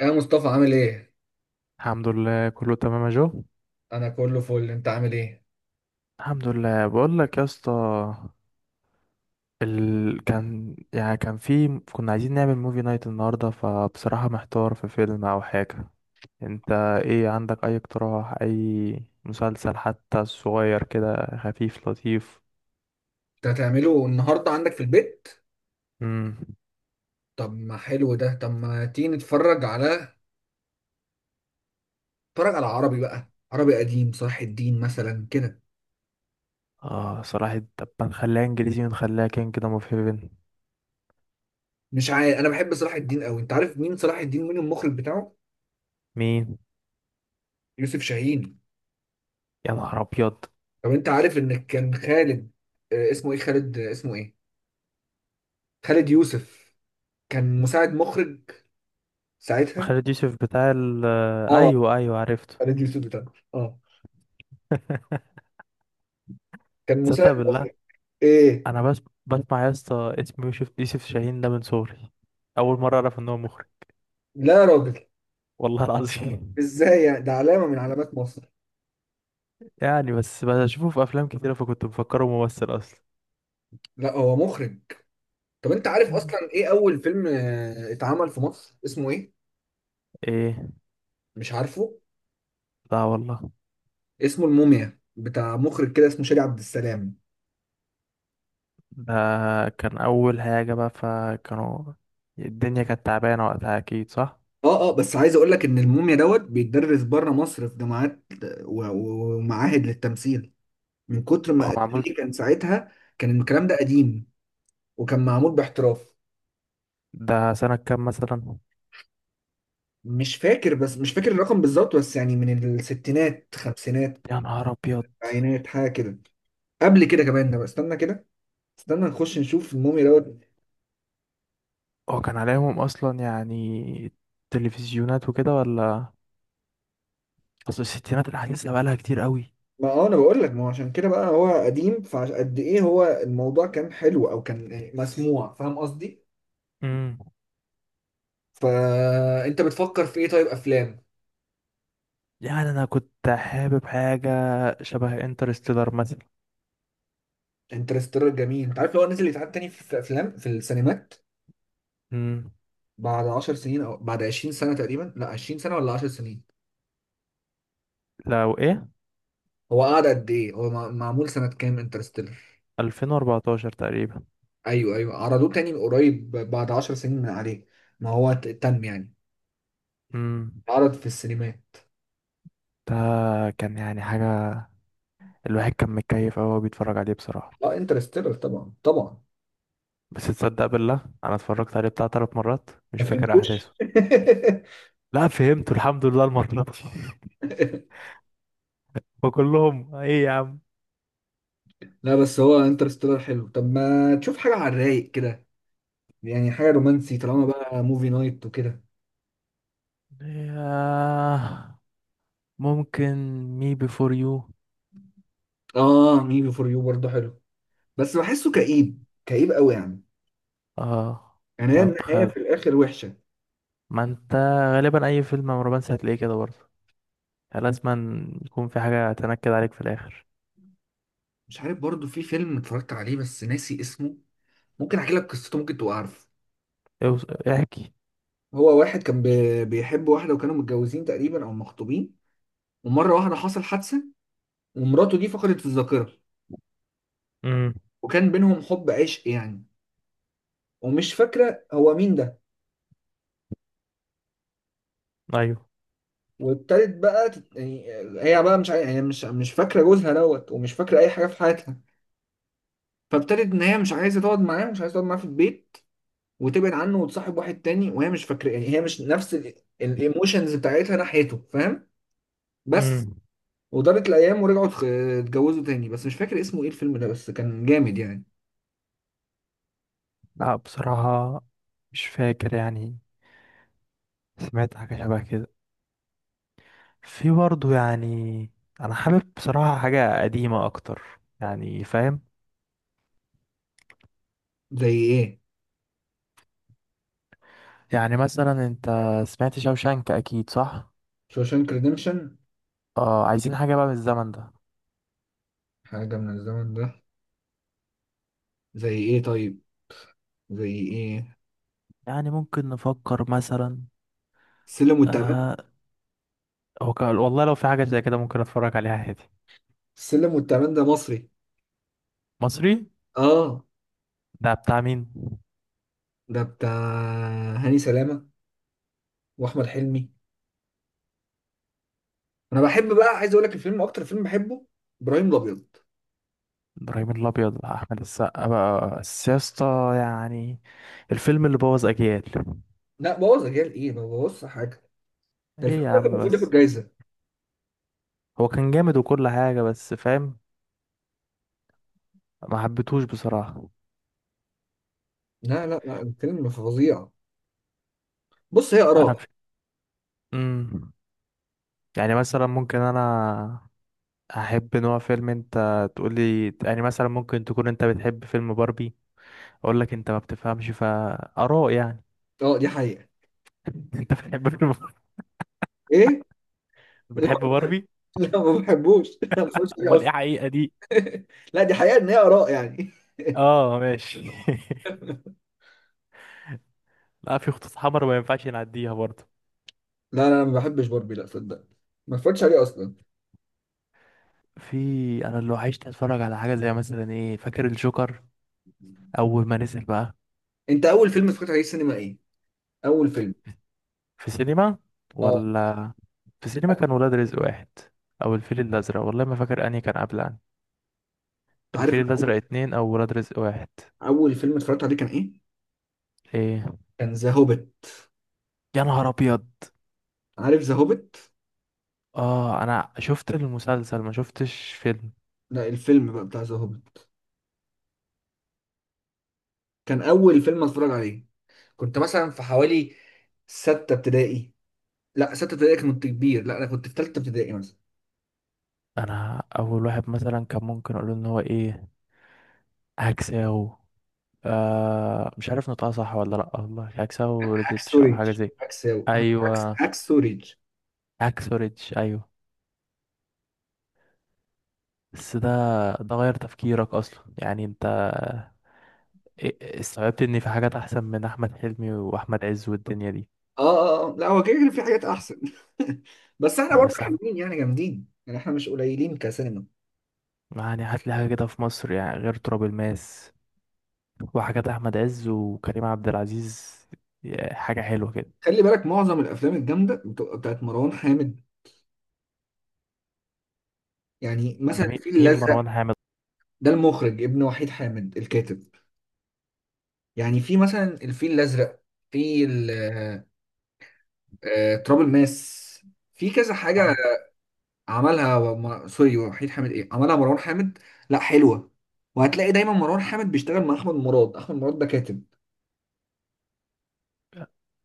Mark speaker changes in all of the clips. Speaker 1: ايه يا مصطفى عامل ايه؟
Speaker 2: الحمد لله كله تمام يا جو.
Speaker 1: انا كله فل، انت عامل ايه؟
Speaker 2: الحمد لله بقول لك يا اسطى. ال... كان يعني كان في كنا عايزين نعمل موفي نايت النهارده، فبصراحة محتار في فيلم او حاجة. انت، ايه عندك؟ اي اقتراح، اي مسلسل حتى صغير كده خفيف لطيف.
Speaker 1: انت هتعمله النهارده عندك في البيت؟
Speaker 2: امم.
Speaker 1: طب ما حلو ده. طب ما تيجي نتفرج على عربي بقى، عربي قديم، صلاح الدين مثلا كده.
Speaker 2: اه، صراحة طب ما نخليها انجليزي ونخليها كينج دوم اوف هيفن.
Speaker 1: مش عارف، انا بحب صلاح الدين قوي. انت عارف مين صلاح الدين؟ مين المخرج بتاعه؟
Speaker 2: مين؟
Speaker 1: يوسف شاهين.
Speaker 2: يا نهار ابيض!
Speaker 1: طب انت عارف ان كان خالد اسمه ايه؟ خالد اسمه ايه؟ خالد يوسف، كان مساعد مخرج ساعتها.
Speaker 2: خالد يوسف بتاع آه،
Speaker 1: اه
Speaker 2: ايوه ايوه، عرفته.
Speaker 1: خالد يوسف بتاعه، اه، كان
Speaker 2: تصدق
Speaker 1: مساعد
Speaker 2: بالله،
Speaker 1: مخرج. ايه؟
Speaker 2: انا بس بسمع يا اسطى اسم يوسف شاهين ده من صغري. اول مره اعرف ان هو مخرج.
Speaker 1: لا يا راجل،
Speaker 2: والله العظيم.
Speaker 1: ازاي يعني؟ ده علامة من علامات مصر.
Speaker 2: يعني بس بشوفه في افلام كتيره فكنت مفكره ممثل اصلا.
Speaker 1: لا هو مخرج. طب انت عارف
Speaker 2: مم.
Speaker 1: اصلا ايه اول فيلم اتعمل في مصر، اسمه ايه؟
Speaker 2: ايه؟
Speaker 1: مش عارفه.
Speaker 2: لا والله.
Speaker 1: اسمه الموميا، بتاع مخرج كده اسمه شادي عبد السلام.
Speaker 2: ده كان اول حاجه بقى، فكانوا الدنيا كانت تعبانه وقتها اكيد، صح؟
Speaker 1: اه اه، بس عايز اقول لك ان الموميا دوت بيتدرس بره مصر في جامعات ومعاهد للتمثيل، من كتر
Speaker 2: هو
Speaker 1: ما
Speaker 2: معمول.
Speaker 1: فيه كان ساعتها. كان الكلام ده قديم، وكان معمول باحتراف.
Speaker 2: ده سنه كام مثلا؟
Speaker 1: مش فاكر، بس مش فاكر الرقم بالظبط، بس يعني من الستينات، خمسينات،
Speaker 2: يا نهار ابيض!
Speaker 1: عينات، حاجة كده، قبل كده كمان. ده استنى كده، استنى نخش نشوف مومي دوت.
Speaker 2: هو كان عليهم اصلا يعني تلفزيونات وكده ولا؟ اصل الستينات الحديثه بقى لها كتير.
Speaker 1: ما هو انا بقول لك، ما هو عشان كده بقى هو قديم، فقد ايه، هو الموضوع كان حلو او كان يعني مسموع، فاهم قصدي؟
Speaker 2: قوي.
Speaker 1: فانت بتفكر في ايه؟ طيب افلام.
Speaker 2: يعني انا كنت حابب حاجه شبه انترستيلر مثلا.
Speaker 1: انترستيلر جميل. انت عارف لو هو نزل يتعاد تاني في افلام في السينمات
Speaker 2: امم.
Speaker 1: بعد 10 سنين او بعد 20 سنة سنه تقريبا؟ لا 20 سنة سنه ولا 10 سنين.
Speaker 2: لو ايه؟
Speaker 1: هو قعد قد ايه؟ هو معمول سنه كام انترستيلر؟
Speaker 2: 2014 تقريبا.
Speaker 1: ايوه ايوه، عرضوه تاني من قريب بعد 10 سنين من عليه. ما هو تم يعني
Speaker 2: امم.
Speaker 1: عرض في السينمات.
Speaker 2: ده كان يعني حاجه، الواحد كان متكيف أوي وهو بيتفرج عليه بصراحه.
Speaker 1: اه انترستيلر طبعا، طبعا.
Speaker 2: بس تصدق بالله، انا اتفرجت عليه بتاع ثلاث مرات مش
Speaker 1: ما
Speaker 2: فاكر
Speaker 1: فهمتوش؟
Speaker 2: احداثه. لا، فهمته الحمد لله المره دي. وكلهم ايه يا عم.
Speaker 1: لا بس هو انترستيلر حلو. طب ما تشوف حاجة على الرايق كده، يعني حاجة رومانسي طالما بقى موفي نايت وكده.
Speaker 2: ياه. ممكن مي بيفور يو.
Speaker 1: اه، مي بي فور يو برضه حلو، بس بحسه كئيب، كئيب قوي يعني.
Speaker 2: اه.
Speaker 1: يعني هي
Speaker 2: طب
Speaker 1: النهاية
Speaker 2: خد،
Speaker 1: في الآخر وحشة.
Speaker 2: ما انت غالبا اي فيلم رومانسي هتلاقيه كده برضه، لازم يكون في حاجة تنكد عليك في الآخر.
Speaker 1: مش عارف، برضه في فيلم اتفرجت عليه بس ناسي اسمه. ممكن احكي لك قصته، ممكن تبقى عارفه.
Speaker 2: احكي.
Speaker 1: هو واحد كان بيحب واحدة، وكانوا متجوزين تقريبا أو مخطوبين. ومرة واحدة حصل حادثة، ومراته دي فقدت الذاكرة.
Speaker 2: امم.
Speaker 1: وكان بينهم حب عشق يعني، ومش فاكرة هو مين ده.
Speaker 2: ايوه.
Speaker 1: وابتدت بقى يعني، هي بقى مش عاي... هي مش فاكره جوزها دوت، ومش فاكره اي حاجه في حياتها. فابتدت ان هي مش عايزه تقعد معاه، في البيت، وتبعد عنه وتصاحب واحد تاني، وهي مش فاكره. يعني هي مش نفس الايموشنز بتاعتها ناحيته، فاهم؟ بس.
Speaker 2: امم.
Speaker 1: ودارت الايام ورجعوا اتجوزوا تاني. بس مش فاكر اسمه ايه الفيلم ده، بس كان جامد يعني.
Speaker 2: لا بصراحة مش فاكر يعني. سمعت حاجة شبه كده في برضه يعني. أنا حابب بصراحة حاجة قديمة أكتر، يعني فاهم؟
Speaker 1: زي ايه؟
Speaker 2: يعني مثلا أنت سمعت شوشانك أكيد صح؟
Speaker 1: شوشانك ريديمشن.
Speaker 2: اه، عايزين حاجة بقى من الزمن ده.
Speaker 1: حاجه من الزمن ده، زي ايه طيب؟ زي ايه؟
Speaker 2: يعني ممكن نفكر مثلا.
Speaker 1: السلم والتعبان.
Speaker 2: آه. والله لو في حاجة زي كده ممكن أتفرج عليها عادي.
Speaker 1: السلم والتعبان ده مصري.
Speaker 2: مصري.
Speaker 1: اه،
Speaker 2: ده بتاع مين؟
Speaker 1: ده بتاع هاني سلامة واحمد حلمي. انا بحب بقى، عايز اقول لك الفيلم اكتر فيلم بحبه، ابراهيم الابيض.
Speaker 2: ابراهيم الابيض بقى احمد السقا بقى، بس يا اسطى يعني الفيلم اللي بوظ اجيال.
Speaker 1: لا بوظ رجال ايه، ما بوظش حاجه. ده
Speaker 2: ايه
Speaker 1: الفيلم
Speaker 2: يا
Speaker 1: ده كان
Speaker 2: عم
Speaker 1: المفروض ياخد
Speaker 2: بس،
Speaker 1: جايزه.
Speaker 2: هو كان جامد وكل حاجه بس فاهم، ما حبيتهوش بصراحه.
Speaker 1: لا الفيلم فظيع. بص، هي
Speaker 2: انا
Speaker 1: اراء.
Speaker 2: ف... مم. يعني مثلا ممكن انا احب نوع فيلم انت تقولي، يعني مثلا ممكن تكون انت بتحب فيلم باربي، اقول لك انت ما بتفهمش فاراء يعني.
Speaker 1: اه دي حقيقه.
Speaker 2: انت بتحب فيلم،
Speaker 1: ايه؟ لا
Speaker 2: بتحب باربي؟
Speaker 1: لا ما بحبوش لا ما بتفرجش عليه
Speaker 2: امال ايه
Speaker 1: اصلا.
Speaker 2: حقيقه دي؟
Speaker 1: لا دي حقيقه ان هي اراء يعني
Speaker 2: اه، ماشي. لا، في خطوط حمر ما ينفعش نعديها برضه.
Speaker 1: لا أنا ما بحبش باربي، لا صدق. ما اتفرجتش عليه اصلا.
Speaker 2: في انا لو عشت اتفرج على حاجه زي مثلا ايه، فاكر الجوكر اول ما نزل بقى.
Speaker 1: انت اول فيلم اتفرجت عليه السينما ايه؟ اول فيلم.
Speaker 2: في سينما
Speaker 1: اه
Speaker 2: ولا؟ في سينما كان ولاد رزق واحد او الفيل الازرق، والله ما فاكر انهي كان قبل انهي.
Speaker 1: انت عارف
Speaker 2: الفيل
Speaker 1: أنا
Speaker 2: الازرق اتنين او ولاد رزق واحد؟
Speaker 1: اول فيلم اتفرجت عليه كان ايه؟
Speaker 2: ايه؟
Speaker 1: كان ذا هوبيت.
Speaker 2: يا نهار ابيض!
Speaker 1: عارف ذا هوبيت؟
Speaker 2: اه، انا شفت المسلسل ما شفتش فيلم.
Speaker 1: لا الفيلم بقى بتاع ذا هوبيت، كان اول فيلم اتفرج عليه. كنت مثلا في حوالي ستة ابتدائي. لا ستة ابتدائي كنت كبير، لا انا كنت في ثالثة ابتدائي مثلا.
Speaker 2: انا اول واحد مثلا كان ممكن اقول ان هو ايه، هكساو، مش عارف نطقها صح ولا لا والله، هكساو
Speaker 1: عكس
Speaker 2: ريديتش او حاجه
Speaker 1: سوريج،
Speaker 2: زي.
Speaker 1: عكس عكس
Speaker 2: ايوه،
Speaker 1: عكس سوريج.
Speaker 2: هاكسو ريديتش. ايوه بس ده غير تفكيرك اصلا يعني انت، استوعبت ان في حاجات احسن من احمد حلمي واحمد عز والدنيا دي.
Speaker 1: اه اه لا هو كده كده في حاجات احسن. بس احنا
Speaker 2: آه،
Speaker 1: برضه
Speaker 2: بس احمد
Speaker 1: حلوين يعني، جامدين يعني، احنا مش قليلين كسينما.
Speaker 2: يعني هات لي حاجه كده في مصر يعني غير تراب الماس وحاجات احمد عز وكريم عبد العزيز، حاجه حلوه كده.
Speaker 1: خلي بالك معظم الافلام الجامده بتبقى بتاعت مروان حامد. يعني
Speaker 2: ده
Speaker 1: مثلا
Speaker 2: مين
Speaker 1: الفيل
Speaker 2: مين
Speaker 1: الازرق.
Speaker 2: مروان حامد؟
Speaker 1: ده المخرج ابن وحيد حامد الكاتب. يعني في مثلا الفيل الازرق، في تراب الماس، في كذا حاجة.
Speaker 2: اه
Speaker 1: عملها سوري، وحيد حامد ايه، عملها مروان حامد. لا حلوة. وهتلاقي دايما مروان حامد بيشتغل مع احمد مراد. احمد مراد ده كاتب.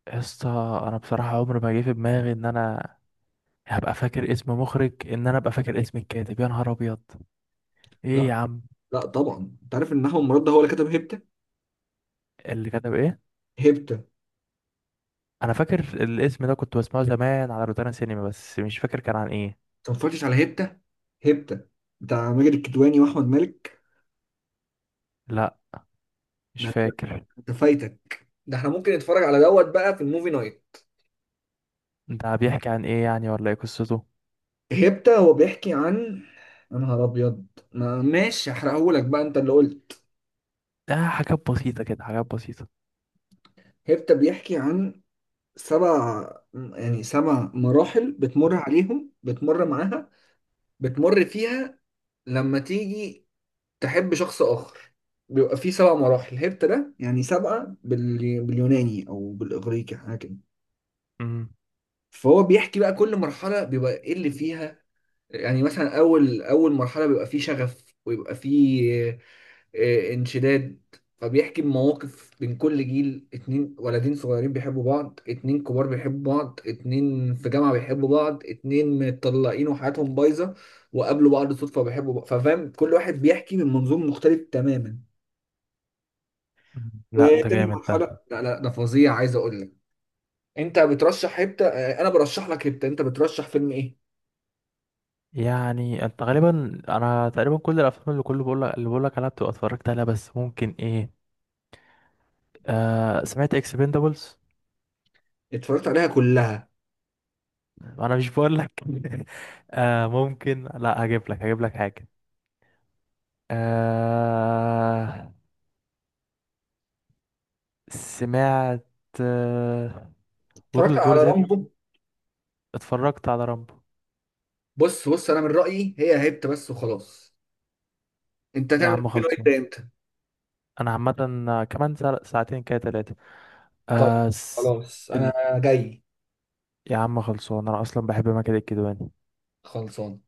Speaker 2: يا اسطى، انا بصراحه عمري ما جه في دماغي ان انا هبقى فاكر اسم مخرج، ان انا ابقى فاكر اسم الكاتب. يا نهار ابيض! ايه
Speaker 1: لا
Speaker 2: يا عم،
Speaker 1: طبعا انت عارف ان احمد مراد ده هو اللي كتب هيبتا.
Speaker 2: اللي كتب ايه؟
Speaker 1: هيبتا.
Speaker 2: انا فاكر الاسم ده، كنت بسمعه زمان على روتانا سينما بس مش فاكر كان عن ايه.
Speaker 1: انت ما اتفرجتش على هيبتا؟ هيبتا بتاع ماجد الكدواني واحمد مالك.
Speaker 2: لا مش
Speaker 1: ده انت،
Speaker 2: فاكر.
Speaker 1: أنت فايتك ده. احنا ممكن نتفرج على دوت بقى في الموفي نايت.
Speaker 2: ده بيحكي عن ايه يعني، ولا ايه قصته؟
Speaker 1: هيبتا هو بيحكي عن، يا نهار ابيض، ماشي هحرقهولك بقى انت اللي قلت.
Speaker 2: ده حاجات بسيطة كده، حاجات بسيطة.
Speaker 1: هيبتا بيحكي عن سبع، يعني سبع مراحل بتمر عليهم، بتمر معاها، بتمر فيها لما تيجي تحب شخص آخر. بيبقى فيه سبع مراحل، هرت ده يعني سبعة باليوناني أو بالإغريقي حاجة كده.
Speaker 2: امم.
Speaker 1: فهو بيحكي بقى كل مرحلة بيبقى إيه اللي فيها. يعني مثلا أول مرحلة بيبقى فيه شغف، ويبقى فيه انشداد. فبيحكي بمواقف بين كل جيل، اتنين ولدين صغيرين بيحبوا بعض، اتنين كبار بيحبوا بعض، اتنين في جامعة بيحبوا بعض، اتنين متطلقين وحياتهم بايظة وقابلوا بعض صدفة وبيحبوا بعض. ففاهم كل واحد بيحكي من منظور مختلف تماما.
Speaker 2: لا ده
Speaker 1: وتاني
Speaker 2: جامد ده.
Speaker 1: مرحلة، لا لا ده فظيع، عايز اقول لك. انت بترشح هبتة؟ انا برشح لك هبتة. انت بترشح فيلم ايه؟
Speaker 2: يعني انت غالبا، انا تقريبا كل الافلام اللي بقول لك عليها بتبقى اتفرجت عليها، بس ممكن ايه؟ آه، سمعت اكسبندبلز؟
Speaker 1: اتفرجت عليها كلها.
Speaker 2: انا مش بقول لك. آه ممكن، لا هجيب لك حاجة. آه، سمعت
Speaker 1: اتفرجت
Speaker 2: وورلد وور
Speaker 1: على
Speaker 2: زد؟
Speaker 1: رامبو.
Speaker 2: اتفرجت على رامبو؟
Speaker 1: بص انا من رأيي هي هبتة بس وخلاص. انت
Speaker 2: يا
Speaker 1: هتعمل
Speaker 2: عم
Speaker 1: فين وانت
Speaker 2: خلصان.
Speaker 1: امتى؟
Speaker 2: انا عامه كمان ساعتين كده تلاتة.
Speaker 1: طيب
Speaker 2: آه س...
Speaker 1: خلاص،
Speaker 2: ال...
Speaker 1: انا جاي.
Speaker 2: يا عم خلصان انا اصلا بحب ماجد الكدواني.
Speaker 1: خلصان.